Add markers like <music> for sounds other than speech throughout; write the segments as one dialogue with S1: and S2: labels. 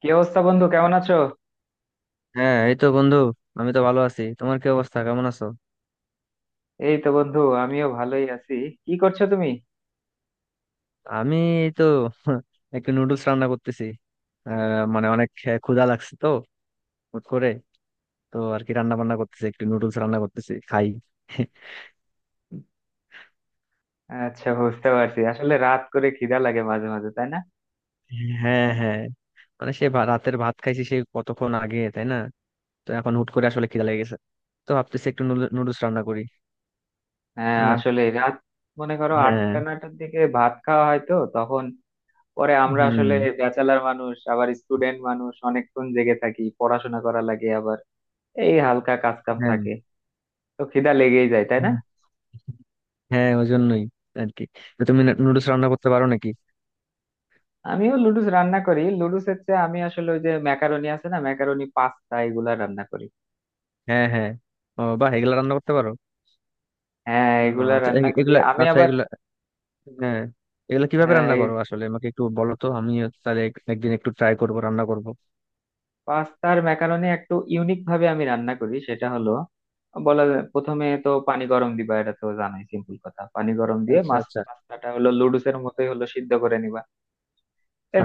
S1: কি অবস্থা, বন্ধু? কেমন আছো?
S2: হ্যাঁ এই তো বন্ধু। আমি তো ভালো আছি, তোমার কি অবস্থা, কেমন আছো?
S1: এই তো বন্ধু, আমিও ভালোই আছি। কি করছো তুমি?
S2: আমি এই তো <laughs> একটু নুডলস রান্না করতেছি। মানে অনেক ক্ষুধা লাগছে তো, হুট করে। তো আর কি রান্না বান্না করতেছি, একটু নুডলস রান্না করতেছি খাই। <laughs>
S1: আচ্ছা, বুঝতে পারছি। আসলে রাত করে খিদা লাগে মাঝে মাঝে, তাই না?
S2: হ্যাঁ হ্যাঁ, মানে রাতের ভাত খাইছি সে কতক্ষণ আগে, তাই না? তো এখন হুট করে আসলে খিদা লেগে গেছে, তো ভাবতেছি একটু নুডলস রান্না করি।
S1: হ্যাঁ,
S2: তাই না?
S1: আসলে রাত মনে করো
S2: হ্যাঁ।
S1: 8টা 9টার দিকে ভাত খাওয়া হয়, তো তখন পরে আমরা
S2: হুম।
S1: আসলে ব্যাচেলার মানুষ, আবার স্টুডেন্ট মানুষ, অনেকক্ষণ জেগে থাকি, পড়াশোনা করা লাগে, আবার এই হালকা কাজ কাম
S2: হ্যাঁ
S1: থাকে। তো খিদা লেগেই যায়, তাই না?
S2: হ্যাঁ, ওই জন্যই আর কি। তো তুমি নুডলস রান্না করতে পারো নাকি?
S1: আমিও লুডুস রান্না করি। লুডুস হচ্ছে আমি আসলে ওই যে ম্যাকারনি আছে না, ম্যাকারনি পাস্তা এগুলা রান্না করি।
S2: হ্যাঁ হ্যাঁ, ও বাহ, এগুলা রান্না করতে পারো।
S1: হ্যাঁ, এগুলা
S2: আচ্ছা
S1: রান্না করি
S2: এগুলা,
S1: আমি
S2: আচ্ছা
S1: আবার।
S2: এগুলা, হ্যাঁ এগুলা কিভাবে
S1: হ্যাঁ
S2: রান্না
S1: এই
S2: করো আসলে? আমাকে একটু বলো, তো আমি তাহলে একদিন একটু ট্রাই করব, রান্না করব।
S1: পাস্তার ম্যাকারনি একটু ইউনিক ভাবে আমি রান্না করি। সেটা হলো বলা যায়- প্রথমে তো পানি গরম দিবা, এটা তো জানোই, সিম্পল কথা। পানি গরম দিয়ে
S2: আচ্ছা
S1: মাছ
S2: আচ্ছা।
S1: পাস্তাটা হলো লুডুসের মতোই হলো, সিদ্ধ করে নিবা।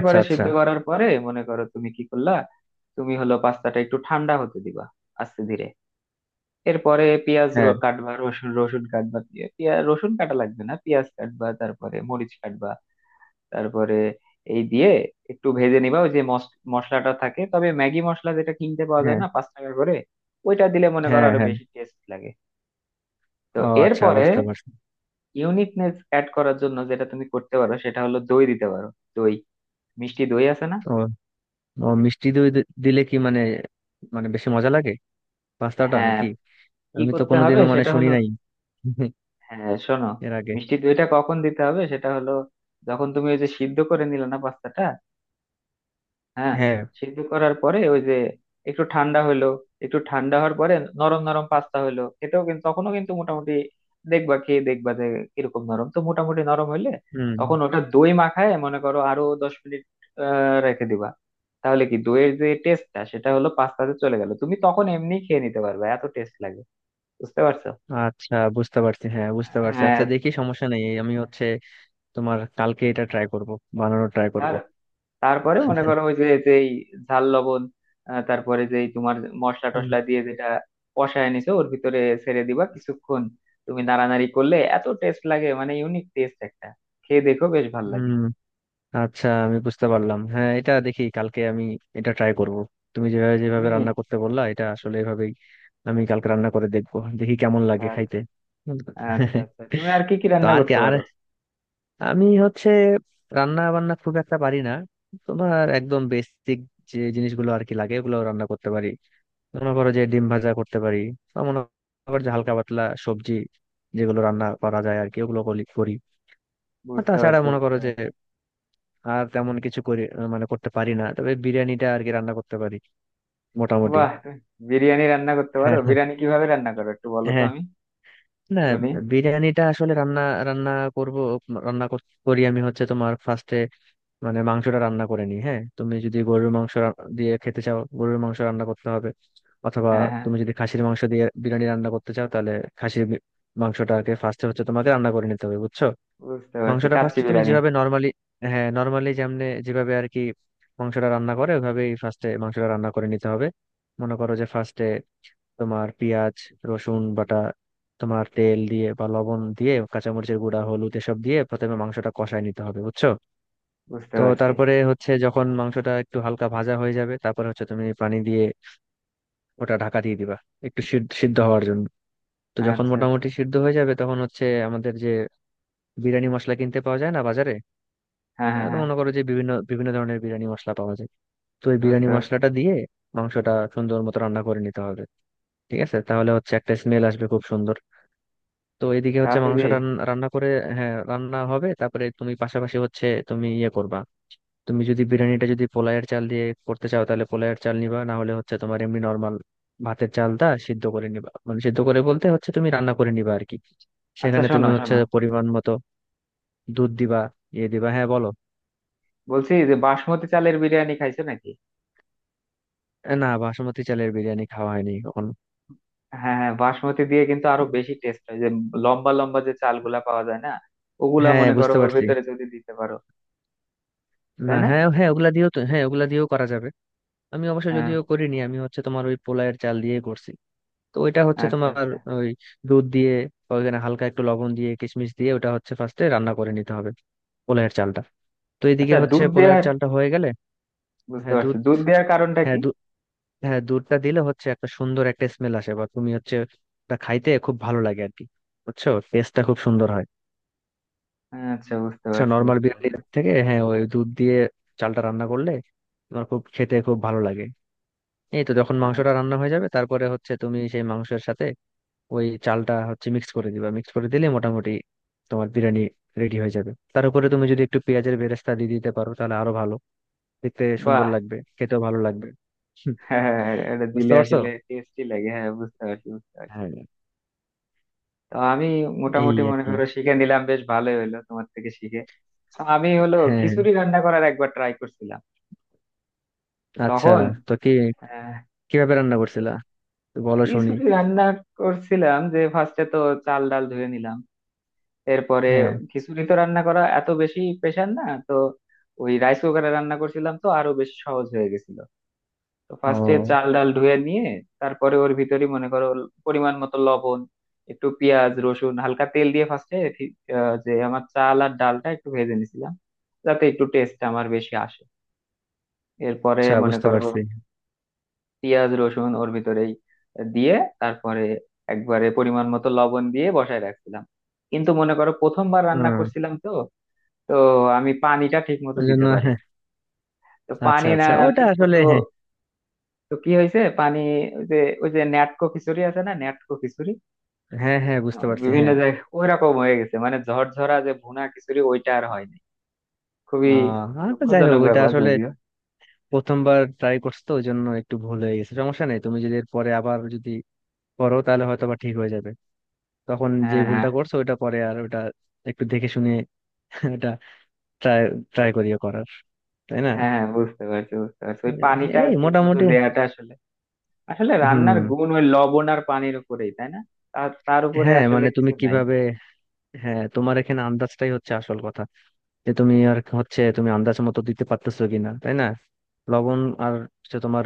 S2: আচ্ছা আচ্ছা।
S1: সিদ্ধ করার পরে মনে করো তুমি কি করলা, তুমি হলো পাস্তাটা একটু ঠান্ডা হতে দিবা, আস্তে ধীরে। এরপরে পেঁয়াজ
S2: হ্যাঁ
S1: কাটবা, রসুন রসুন কাটবা। পেঁয়াজ রসুন কাটা লাগবে না, পেঁয়াজ কাটবা, তারপরে মরিচ কাটবা। তারপরে এই দিয়ে একটু ভেজে নিবা। ওই যে মশলাটা থাকে, তবে ম্যাগি মশলা যেটা কিনতে পাওয়া যায়
S2: হ্যাঁ।
S1: না 5 টাকা করে, ওইটা দিলে মনে করো
S2: হ্যাঁ
S1: আরো
S2: হ্যাঁ।
S1: বেশি টেস্ট লাগে। তো
S2: ও আচ্ছা,
S1: এরপরে
S2: বুঝতে পারছি।
S1: ইউনিকনেস অ্যাড করার জন্য যেটা তুমি করতে পারো সেটা হলো দই দিতে পারো। দই, মিষ্টি দই আছে না?
S2: ও। ও মিষ্টি দই দিলে কি, মানে মানে বেশি মজা লাগে পাস্তাটা
S1: হ্যাঁ,
S2: নাকি?
S1: কি
S2: আমি তো
S1: করতে হবে
S2: কোনোদিনও মানে
S1: সেটা
S2: শুনি
S1: হলো,
S2: নাই। <laughs>
S1: হ্যাঁ শোনো,
S2: এর আগে।
S1: মিষ্টি দইটা কখন দিতে হবে সেটা হলো, যখন তুমি ওই যে সিদ্ধ করে নিলে না পাস্তাটা। হ্যাঁ,
S2: হ্যাঁ।
S1: সিদ্ধ করার পরে ওই যে একটু ঠান্ডা হলো, একটু ঠান্ডা হওয়ার পরে নরম নরম পাস্তা হলো, এটাও কিন্তু তখনও কিন্তু মোটামুটি দেখবা, খেয়ে দেখবা যে কিরকম নরম। তো মোটামুটি নরম হলে
S2: হুম।
S1: তখন ওটা দই মাখায় মনে করো আরো 10 মিনিট রেখে দিবা। তাহলে কি দইয়ের যে টেস্টটা সেটা হলো পাস্তাতে চলে গেল, তুমি তখন এমনি খেয়ে নিতে পারবে, এত টেস্ট লাগে। বুঝতে পারছো?
S2: আচ্ছা বুঝতে পারছি, হ্যাঁ বুঝতে পারছি।
S1: হ্যাঁ,
S2: আচ্ছা দেখি, সমস্যা নেই, আমি হচ্ছে তোমার কালকে এটা ট্রাই করব, বানানোর ট্রাই করব।
S1: তার তারপরে মনে করো ওই যে যেই ঝাল লবণ তারপরে যেই তোমার মশলা
S2: হুম।
S1: টশলা দিয়ে যেটা কষায় নিছো, ওর ভিতরে ছেড়ে দিবা কিছুক্ষণ, তুমি নাড়ানাড়ি করলে এত টেস্ট লাগে, মানে ইউনিক টেস্ট একটা। খেয়ে দেখো, বেশ ভালো লাগে।
S2: হুম, আচ্ছা আমি বুঝতে পারলাম, হ্যাঁ এটা দেখি কালকে আমি এটা ট্রাই করব। তুমি যেভাবে যেভাবে
S1: তুমি
S2: রান্না করতে বললা এটা আসলে এভাবেই আমি কালকে রান্না করে দেখবো, দেখি কেমন লাগে
S1: আচ্ছা
S2: খাইতে। হুম।
S1: আচ্ছা। আচ্ছা, তুমি আর
S2: <laughs>
S1: কি কি
S2: তো
S1: রান্না
S2: আর কি
S1: করতে
S2: আর,
S1: পারো?
S2: আমি হচ্ছে রান্না বান্না খুব একটা পারি না, তোমার একদম বেসিক যে জিনিসগুলো আর কি লাগে ওগুলো রান্না করতে পারি। মনে করো যে ডিম ভাজা করতে পারি, বা মনে করো যে হালকা পাতলা সবজি যেগুলো রান্না করা যায় আর কি ওগুলো করি করি। আর
S1: বুঝতে
S2: তাছাড়া
S1: পারছি,
S2: মনে
S1: বুঝতে
S2: করো যে
S1: পারছি।
S2: আর তেমন কিছু করি মানে করতে পারি না, তবে বিরিয়ানিটা আর কি রান্না করতে পারি মোটামুটি।
S1: বাহ তুমি বিরিয়ানি রান্না করতে পারো?
S2: হ্যাঁ হ্যাঁ।
S1: বিরিয়ানি কিভাবে রান্না করো একটু বলো তো,
S2: হ্যাঁ।
S1: আমি
S2: না,
S1: শুনি।
S2: বিরিয়ানিটা আসলে রান্না রান্না করব, করি আমি হচ্ছে তোমার ফার্স্টে মানে মাংসটা রান্না করে নিই। হ্যাঁ, তুমি যদি গরুর মাংস দিয়ে খেতে চাও, গরুর মাংস রান্না করতে হবে। অথবা
S1: হ্যাঁ হ্যাঁ,
S2: তুমি যদি খাসির মাংস দিয়ে বিরিয়ানি রান্না করতে চাও, তাহলে খাসির বি- মাংসটাকে ফার্স্টে হচ্ছে তোমাকে রান্না করে নিতে হবে, বুঝছো?
S1: বুঝতে পারছি।
S2: মাংসটা
S1: কাচ্চি
S2: ফার্স্টে তুমি
S1: বিরিয়ানি,
S2: যেভাবে নর্মালি, হ্যাঁ নর্মালি যেমনে যেভাবে আর কি মাংসটা রান্না করে ওইভাবেই ফার্স্টে মাংসটা রান্না করে নিতে হবে। মনে করো যে ফার্স্টে তোমার পেঁয়াজ রসুন বাটা, তোমার তেল দিয়ে বা লবণ দিয়ে, কাঁচামরিচের গুঁড়া, হলুদ এসব দিয়ে প্রথমে মাংসটা কষায় নিতে হবে, বুঝছো?
S1: বুঝতে
S2: তো
S1: পারছি।
S2: তারপরে হচ্ছে যখন মাংসটা একটু হালকা ভাজা হয়ে যাবে, তারপরে হচ্ছে তুমি পানি দিয়ে ওটা ঢাকা দিয়ে দিবা একটু সিদ্ধ সিদ্ধ হওয়ার জন্য। তো যখন
S1: আচ্ছা আচ্ছা,
S2: মোটামুটি সিদ্ধ হয়ে যাবে, তখন হচ্ছে আমাদের যে বিরিয়ানি মশলা কিনতে পাওয়া যায় না বাজারে,
S1: হ্যাঁ হ্যাঁ
S2: তো
S1: হ্যাঁ,
S2: মনে করো যে বিভিন্ন বিভিন্ন ধরনের বিরিয়ানি মশলা পাওয়া যায়, তো এই বিরিয়ানি
S1: বুঝতে পারছি।
S2: মশলাটা দিয়ে মাংসটা সুন্দর মতো রান্না করে নিতে হবে। ঠিক আছে, তাহলে হচ্ছে একটা স্মেল আসবে খুব সুন্দর। তো এদিকে হচ্ছে
S1: তাহলে কি
S2: রান্না করে, হ্যাঁ রান্না হবে, তারপরে তুমি পাশাপাশি হচ্ছে তুমি ইয়ে করবা, তুমি যদি বিরিয়ানিটা যদি পোলায়ের চাল দিয়ে করতে চাও তাহলে পোলায়ের চাল নিবা, না হলে হচ্ছে তোমার এমনি নর্মাল ভাতের চালটা সিদ্ধ করে নিবা, মানে সিদ্ধ করে বলতে হচ্ছে তুমি রান্না করে নিবা আর কি।
S1: আচ্ছা,
S2: সেখানে তুমি
S1: শোনো
S2: হচ্ছে
S1: শোনো,
S2: পরিমাণ মতো দুধ দিবা, ইয়ে দিবা, হ্যাঁ বলো।
S1: বলছি যে বাসমতি চালের বিরিয়ানি খাইছো নাকি?
S2: এ না, বাসমতি চালের বিরিয়ানি খাওয়া হয়নি কখনো।
S1: হ্যাঁ হ্যাঁ, বাসমতি দিয়ে কিন্তু আরো বেশি টেস্ট হয় যে, লম্বা লম্বা যে চালগুলা পাওয়া যায় না, ওগুলা
S2: হ্যাঁ
S1: মনে করো
S2: বুঝতে
S1: ওর
S2: পারছি।
S1: ভিতরে যদি দিতে পারো।
S2: না
S1: তাই না?
S2: হ্যাঁ হ্যাঁ ওগুলা দিয়েও তো, হ্যাঁ ওগুলা দিয়েও করা যাবে। আমি অবশ্য
S1: হ্যাঁ,
S2: যদিও করিনি, আমি হচ্ছে তোমার ওই পোলায়ের চাল দিয়ে করছি। তো ওইটা হচ্ছে
S1: আচ্ছা
S2: তোমার
S1: আচ্ছা।
S2: ওই দুধ দিয়ে ওইখানে হালকা একটু লবণ দিয়ে কিশমিশ দিয়ে ওটা হচ্ছে ফার্স্টে রান্না করে নিতে হবে পোলাওয়ের চালটা। তো এদিকে
S1: আচ্ছা,
S2: হচ্ছে
S1: দুধ
S2: পোলাওয়ের
S1: দেওয়ার,
S2: চালটা হয়ে গেলে,
S1: বুঝতে
S2: হ্যাঁ
S1: পারছি,
S2: দুধ
S1: দুধ দেওয়ার কারণটা
S2: হ্যাঁ
S1: কি?
S2: দুধ হ্যাঁ, দুধটা দিলে হচ্ছে একটা সুন্দর একটা স্মেল আসে, বা তুমি হচ্ছে ওটা খাইতে খুব ভালো লাগে আর কি, বুঝছো? টেস্টটা খুব সুন্দর হয়
S1: হ্যাঁ, আচ্ছা, বুঝতে পারছি,
S2: নর্মাল
S1: বুঝতে
S2: বিরিয়ানির
S1: পারছি।
S2: থেকে। হ্যাঁ ওই দুধ দিয়ে চালটা রান্না করলে তোমার খুব খেতে খুব ভালো লাগে। এই তো যখন মাংসটা
S1: আচ্ছা।
S2: রান্না হয়ে যাবে তারপরে হচ্ছে তুমি সেই মাংসের সাথে ওই চালটা হচ্ছে মিক্স করে দিবা, মিক্স করে দিলে মোটামুটি তোমার বিরিয়ানি রেডি হয়ে যাবে। তার উপরে তুমি যদি একটু পেঁয়াজের বেরেস্তা দিয়ে দিতে পারো তাহলে আরো ভালো, দেখতে সুন্দর
S1: বাহ
S2: লাগবে, খেতেও ভালো লাগবে। হুম,
S1: <laughs> হ্যাঁ, হ্যাঁ, হ্যাঁ, এটা
S2: বুঝতে
S1: দিলে
S2: পারছো?
S1: আসলে টেস্টি লাগে। হ্যাঁ, বুঝতে পারছি, বুঝতে পারছি।
S2: হ্যাঁ
S1: তো আমি
S2: এই
S1: মোটামুটি
S2: আর
S1: মনে
S2: কি।
S1: করো শিখে নিলাম, বেশ ভালোই হলো তোমার থেকে শিখে। তো আমি হলো
S2: হ্যাঁ।
S1: খিচুড়ি রান্না করার একবার ট্রাই করছিলাম
S2: আচ্ছা।
S1: তখন।
S2: তো কি,
S1: আহ,
S2: কিভাবে রান্না করছিলা? তো বলো শুনি।
S1: খিচুড়ি রান্না করছিলাম যে ফার্স্টে তো চাল ডাল ধুয়ে নিলাম। এরপরে
S2: হ্যাঁ।
S1: খিচুড়ি তো রান্না করা এত বেশি প্রেশার না তো, ওই রাইস কুকারে রান্না করছিলাম তো আরো বেশি সহজ হয়ে গেছিল। তো ফার্স্টে
S2: ও
S1: চাল ডাল ধুয়ে নিয়ে তারপরে ওর ভিতরে মনে করো পরিমাণ মতো লবণ, একটু পেঁয়াজ রসুন হালকা তেল দিয়ে ফার্স্টে যে আমার চাল আর ডালটা একটু ভেজে নিছিলাম, যাতে একটু টেস্ট আমার বেশি আসে। এরপরে
S2: আচ্ছা
S1: মনে
S2: বুঝতে
S1: করো
S2: পারছি।
S1: পেঁয়াজ রসুন ওর ভিতরেই দিয়ে তারপরে একবারে পরিমাণ মতো লবণ দিয়ে বসায় রাখছিলাম। কিন্তু মনে করো প্রথমবার রান্না
S2: হ্যাঁ
S1: করছিলাম তো, তো আমি পানিটা ঠিক মতো
S2: ওই জন্য
S1: দিতে
S2: হ্যাঁ।
S1: পারিনি। তো
S2: আচ্ছা
S1: পানি না
S2: আচ্ছা, ওটা
S1: ঠিক
S2: আসলে
S1: মতো,
S2: হ্যাঁ।
S1: তো কি হয়েছে, পানি ওই যে, ওই যে ন্যাটকো খিচুড়ি আছে না, ন্যাটকো খিচুড়ি
S2: হ্যাঁ হ্যাঁ বুঝতে পারছি
S1: বিভিন্ন
S2: হ্যাঁ।
S1: জায়গায় ওই রকম হয়ে গেছে, মানে ঝরঝরা যে ভুনা খিচুড়ি ওইটা আর হয়নি। খুবই
S2: আর তো যাই হোক
S1: দুঃখজনক
S2: ওইটা
S1: ব্যাপার
S2: আসলে
S1: যদিও।
S2: প্রথমবার ট্রাই করছো তো ওই জন্য একটু ভুল হয়ে গেছে, সমস্যা নেই, তুমি যদি পরে আবার যদি করো তাহলে হয়তো বা ঠিক হয়ে যাবে। তখন যে
S1: হ্যাঁ হ্যাঁ
S2: ভুলটা করছো ওটা পরে আর ওটা একটু দেখে শুনে <laughs> ওটা ট্রাই ট্রাই করিয়ে করার, তাই না?
S1: হ্যাঁ, বুঝতে পারছি, বুঝতে পারছি। ওই পানিটা
S2: এই
S1: ঠিক মতো
S2: মোটামুটি।
S1: দেয়াটা আসলে, আসলে
S2: হুম।
S1: রান্নার গুণ ওই লবণ আর পানির উপরেই, তাই না? তার তার উপরে
S2: হ্যাঁ
S1: আসলে
S2: মানে তুমি
S1: কিছু নাই।
S2: কিভাবে, হ্যাঁ তোমার এখানে আন্দাজটাই হচ্ছে আসল কথা, যে তুমি আর হচ্ছে তুমি আন্দাজ মতো দিতে পারতেছো কিনা, তাই না? লবণ আর হচ্ছে তোমার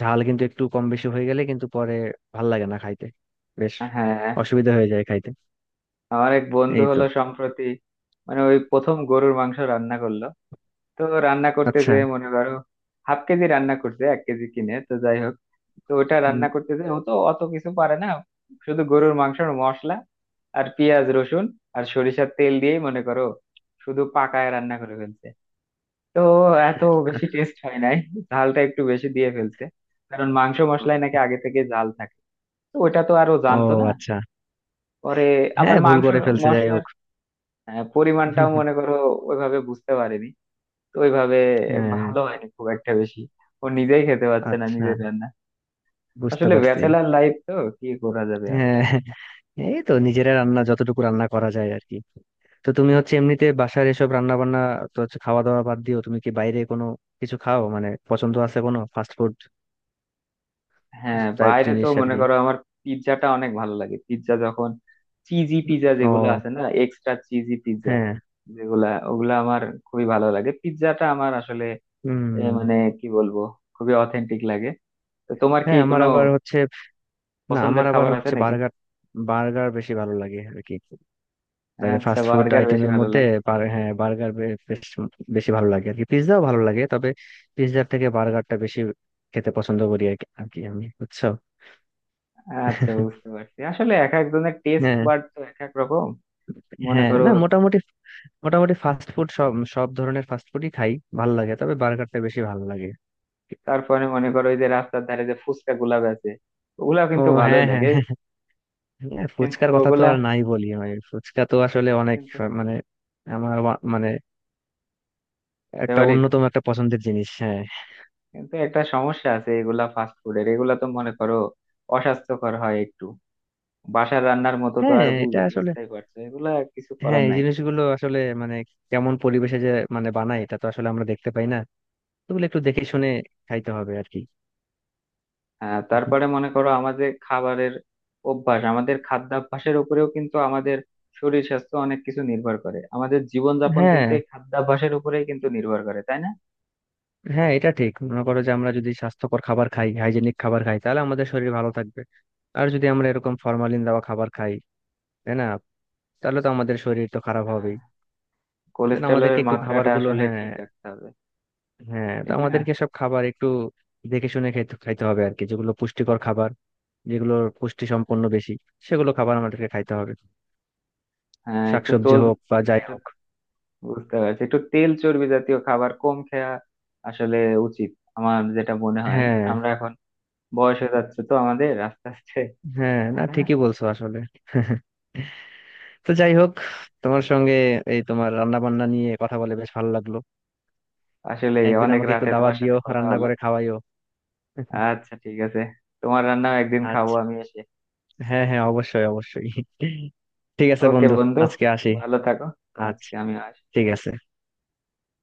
S2: ঝাল কিন্তু একটু কম বেশি হয়ে গেলে কিন্তু পরে ভাল লাগে না খাইতে, বেশ
S1: হ্যাঁ,
S2: অসুবিধা হয়ে যায় খাইতে।
S1: আমার এক বন্ধু
S2: এই তো।
S1: হলো সম্প্রতি, মানে ওই প্রথম গরুর মাংস রান্না করলো। তো রান্না করতে
S2: আচ্ছা।
S1: যে মনে করো হাফ কেজি রান্না করছে 1 কেজি কিনে, তো যাই হোক, তো ওটা
S2: উম,
S1: রান্না করতে যে ও তো অত কিছু পারে না, শুধু গরুর মাংসের মশলা আর পেঁয়াজ রসুন আর সরিষার তেল দিয়েই মনে করো শুধু পাকায় রান্না করে ফেলছে। তো এত বেশি টেস্ট হয় নাই, ঝালটা একটু বেশি দিয়ে ফেলছে, কারণ মাংস মশলায় নাকি আগে থেকে ঝাল থাকে, তো ওটা তো আরো
S2: ও
S1: জানতো না।
S2: আচ্ছা।
S1: পরে আবার
S2: হ্যাঁ ভুল
S1: মাংস
S2: করে ফেলছে, যাই
S1: মশলার
S2: হোক।
S1: পরিমাণটাও মনে করো ওইভাবে বুঝতে পারেনি। তো ওইভাবে
S2: হ্যাঁ।
S1: ভালো হয়নি খুব একটা বেশি, ও নিজেই খেতে পারছে না
S2: আচ্ছা
S1: নিজের রান্না।
S2: বুঝতে
S1: আসলে
S2: পারছি।
S1: ব্যাচেলার লাইফ তো, কি করা যাবে আর।
S2: হ্যাঁ এই তো নিজেরা রান্না যতটুকু রান্না করা যায় আর কি। তো তুমি হচ্ছে এমনিতে বাসার এসব রান্না বান্না তো হচ্ছে, খাওয়া দাওয়া বাদ দিও, তুমি কি বাইরে কোনো কিছু খাও, মানে পছন্দ আছে কোনো ফাস্ট ফুড
S1: হ্যাঁ
S2: টাইপ
S1: বাইরে তো
S2: জিনিস আর
S1: মনে
S2: কি?
S1: করো আমার পিৎজাটা অনেক ভালো লাগে, পিৎজা যখন চিজি পিৎজা যেগুলো
S2: ও।
S1: আছে না, এক্সট্রা চিজি পিৎজা
S2: হ্যাঁ।
S1: যেগুলা, ওগুলা আমার খুবই ভালো লাগে। পিৎজাটা আমার আসলে
S2: হুম।
S1: মানে কি বলবো, খুবই অথেন্টিক লাগে। তো তোমার কি
S2: হ্যাঁ আমার
S1: কোনো
S2: আবার হচ্ছে, না আমার
S1: পছন্দের
S2: আবার
S1: খাবার আছে
S2: হচ্ছে
S1: নাকি?
S2: বার্গার, বার্গার বেশি ভালো লাগে আর কি বাইরে
S1: আচ্ছা,
S2: ফাস্ট ফুড
S1: বার্গার বেশি
S2: আইটেমের
S1: ভালো
S2: মধ্যে।
S1: লাগে।
S2: হ্যাঁ বার্গার বেশ বেশি ভালো লাগে আর কি, পিৎজাও ভালো লাগে তবে পিৎজার থেকে বার্গারটা বেশি খেতে পছন্দ করি আর কি আর কি আমি, বুঝছো?
S1: আচ্ছা, বুঝতে
S2: <laughs>
S1: পারছি। আসলে এক একজনের টেস্ট
S2: হ্যাঁ
S1: বাড তো এক এক রকম, মনে
S2: হ্যাঁ।
S1: করো।
S2: না মোটামুটি, মোটামুটি ফাস্ট ফুড সব সব ধরনের ফাস্ট ফুডই খাই, ভালো লাগে, তবে বার্গারটা বেশি ভালো লাগে।
S1: তারপরে মনে করো ওই যে রাস্তার ধারে যে ফুচকা গুলা বেচে, ওগুলা
S2: ও।
S1: কিন্তু ভালোই
S2: হ্যাঁ হ্যাঁ
S1: লাগে।
S2: হ্যাঁ। হ্যাঁ,
S1: কিন্তু
S2: ফুচকার কথা তো
S1: ওগুলা
S2: আর নাই বলি, মানে ফুচকা তো আসলে অনেক,
S1: কিন্তু,
S2: মানে আমার মানে
S1: বুঝতে
S2: একটা
S1: পারি,
S2: অন্যতম একটা পছন্দের জিনিস, হ্যাঁ।
S1: কিন্তু একটা সমস্যা আছে, এগুলা ফাস্ট ফুডের, এগুলা তো মনে করো অস্বাস্থ্যকর হয় একটু, বাসার রান্নার মতো তো
S2: হ্যাঁ
S1: আর
S2: এটা আসলে,
S1: বুঝতেই পারছো, এগুলা আর কিছু
S2: হ্যাঁ
S1: করার
S2: এই
S1: নাই।
S2: জিনিসগুলো আসলে মানে কেমন পরিবেশে যে মানে বানায় এটা তো আসলে আমরা দেখতে পাই না, ওগুলো একটু দেখে শুনে খাইতে হবে আর কি।
S1: তারপরে মনে করো আমাদের খাবারের অভ্যাস, আমাদের খাদ্যাভ্যাসের উপরেও কিন্তু আমাদের শরীর স্বাস্থ্য অনেক কিছু নির্ভর করে। আমাদের জীবনযাপন
S2: হ্যাঁ
S1: কিন্তু এই খাদ্যাভ্যাসের উপরেই কিন্তু নির্ভর করে, তাই না?
S2: হ্যাঁ এটা ঠিক, মনে করো যে আমরা যদি স্বাস্থ্যকর খাবার খাই, হাইজেনিক খাবার খাই তাহলে আমাদের শরীর ভালো থাকবে। আর যদি আমরা এরকম ফরমালিন দেওয়া খাবার খাই, তাই না, তাহলে তো আমাদের শরীর তো খারাপ
S1: আহ,
S2: হবেই। তাই জন্য আমাদেরকে
S1: কোলেস্টেরলের
S2: একটু
S1: মাত্রাটা
S2: খাবারগুলো,
S1: আসলে
S2: হ্যাঁ
S1: ঠিক রাখতে হবে,
S2: হ্যাঁ, তো
S1: ঠিক না?
S2: আমাদেরকে সব খাবার একটু দেখে শুনে খেতে খাইতে হবে আর কি, যেগুলো পুষ্টিকর খাবার, যেগুলো পুষ্টি সম্পন্ন বেশি সেগুলো খাবার আমাদেরকে খাইতে হবে,
S1: হ্যাঁ একটু
S2: শাকসবজি
S1: তোল,
S2: হোক বা যাই হোক।
S1: বুঝতে পারছি, একটু তেল চর্বি জাতীয় খাবার কম খাওয়া আসলে উচিত, আমার যেটা মনে হয়।
S2: হ্যাঁ
S1: আমরা এখন বয়স হয়ে যাচ্ছে তো আমাদের, আস্তে আস্তে,
S2: হ্যাঁ,
S1: তাই
S2: না
S1: না?
S2: ঠিকই বলছো আসলে। <laughs> তো যাই হোক, তোমার সঙ্গে এই তোমার রান্না বান্না নিয়ে কথা বলে বেশ ভালো লাগলো।
S1: আসলে
S2: একদিন
S1: অনেক
S2: আমাকে একটু
S1: রাতে
S2: দাওয়াত
S1: তোমার
S2: দিও,
S1: সাথে কথা
S2: রান্না
S1: হলো।
S2: করে খাওয়াইও। <laughs>
S1: আচ্ছা, ঠিক আছে, তোমার রান্না একদিন খাবো
S2: আচ্ছা,
S1: আমি এসে।
S2: হ্যাঁ হ্যাঁ অবশ্যই অবশ্যই। <laughs> ঠিক আছে
S1: ওকে
S2: বন্ধু,
S1: বন্ধু,
S2: আজকে আসি।
S1: ভালো থাকো।
S2: আচ্ছা।
S1: আজকে আমি
S2: ঠিক আছে।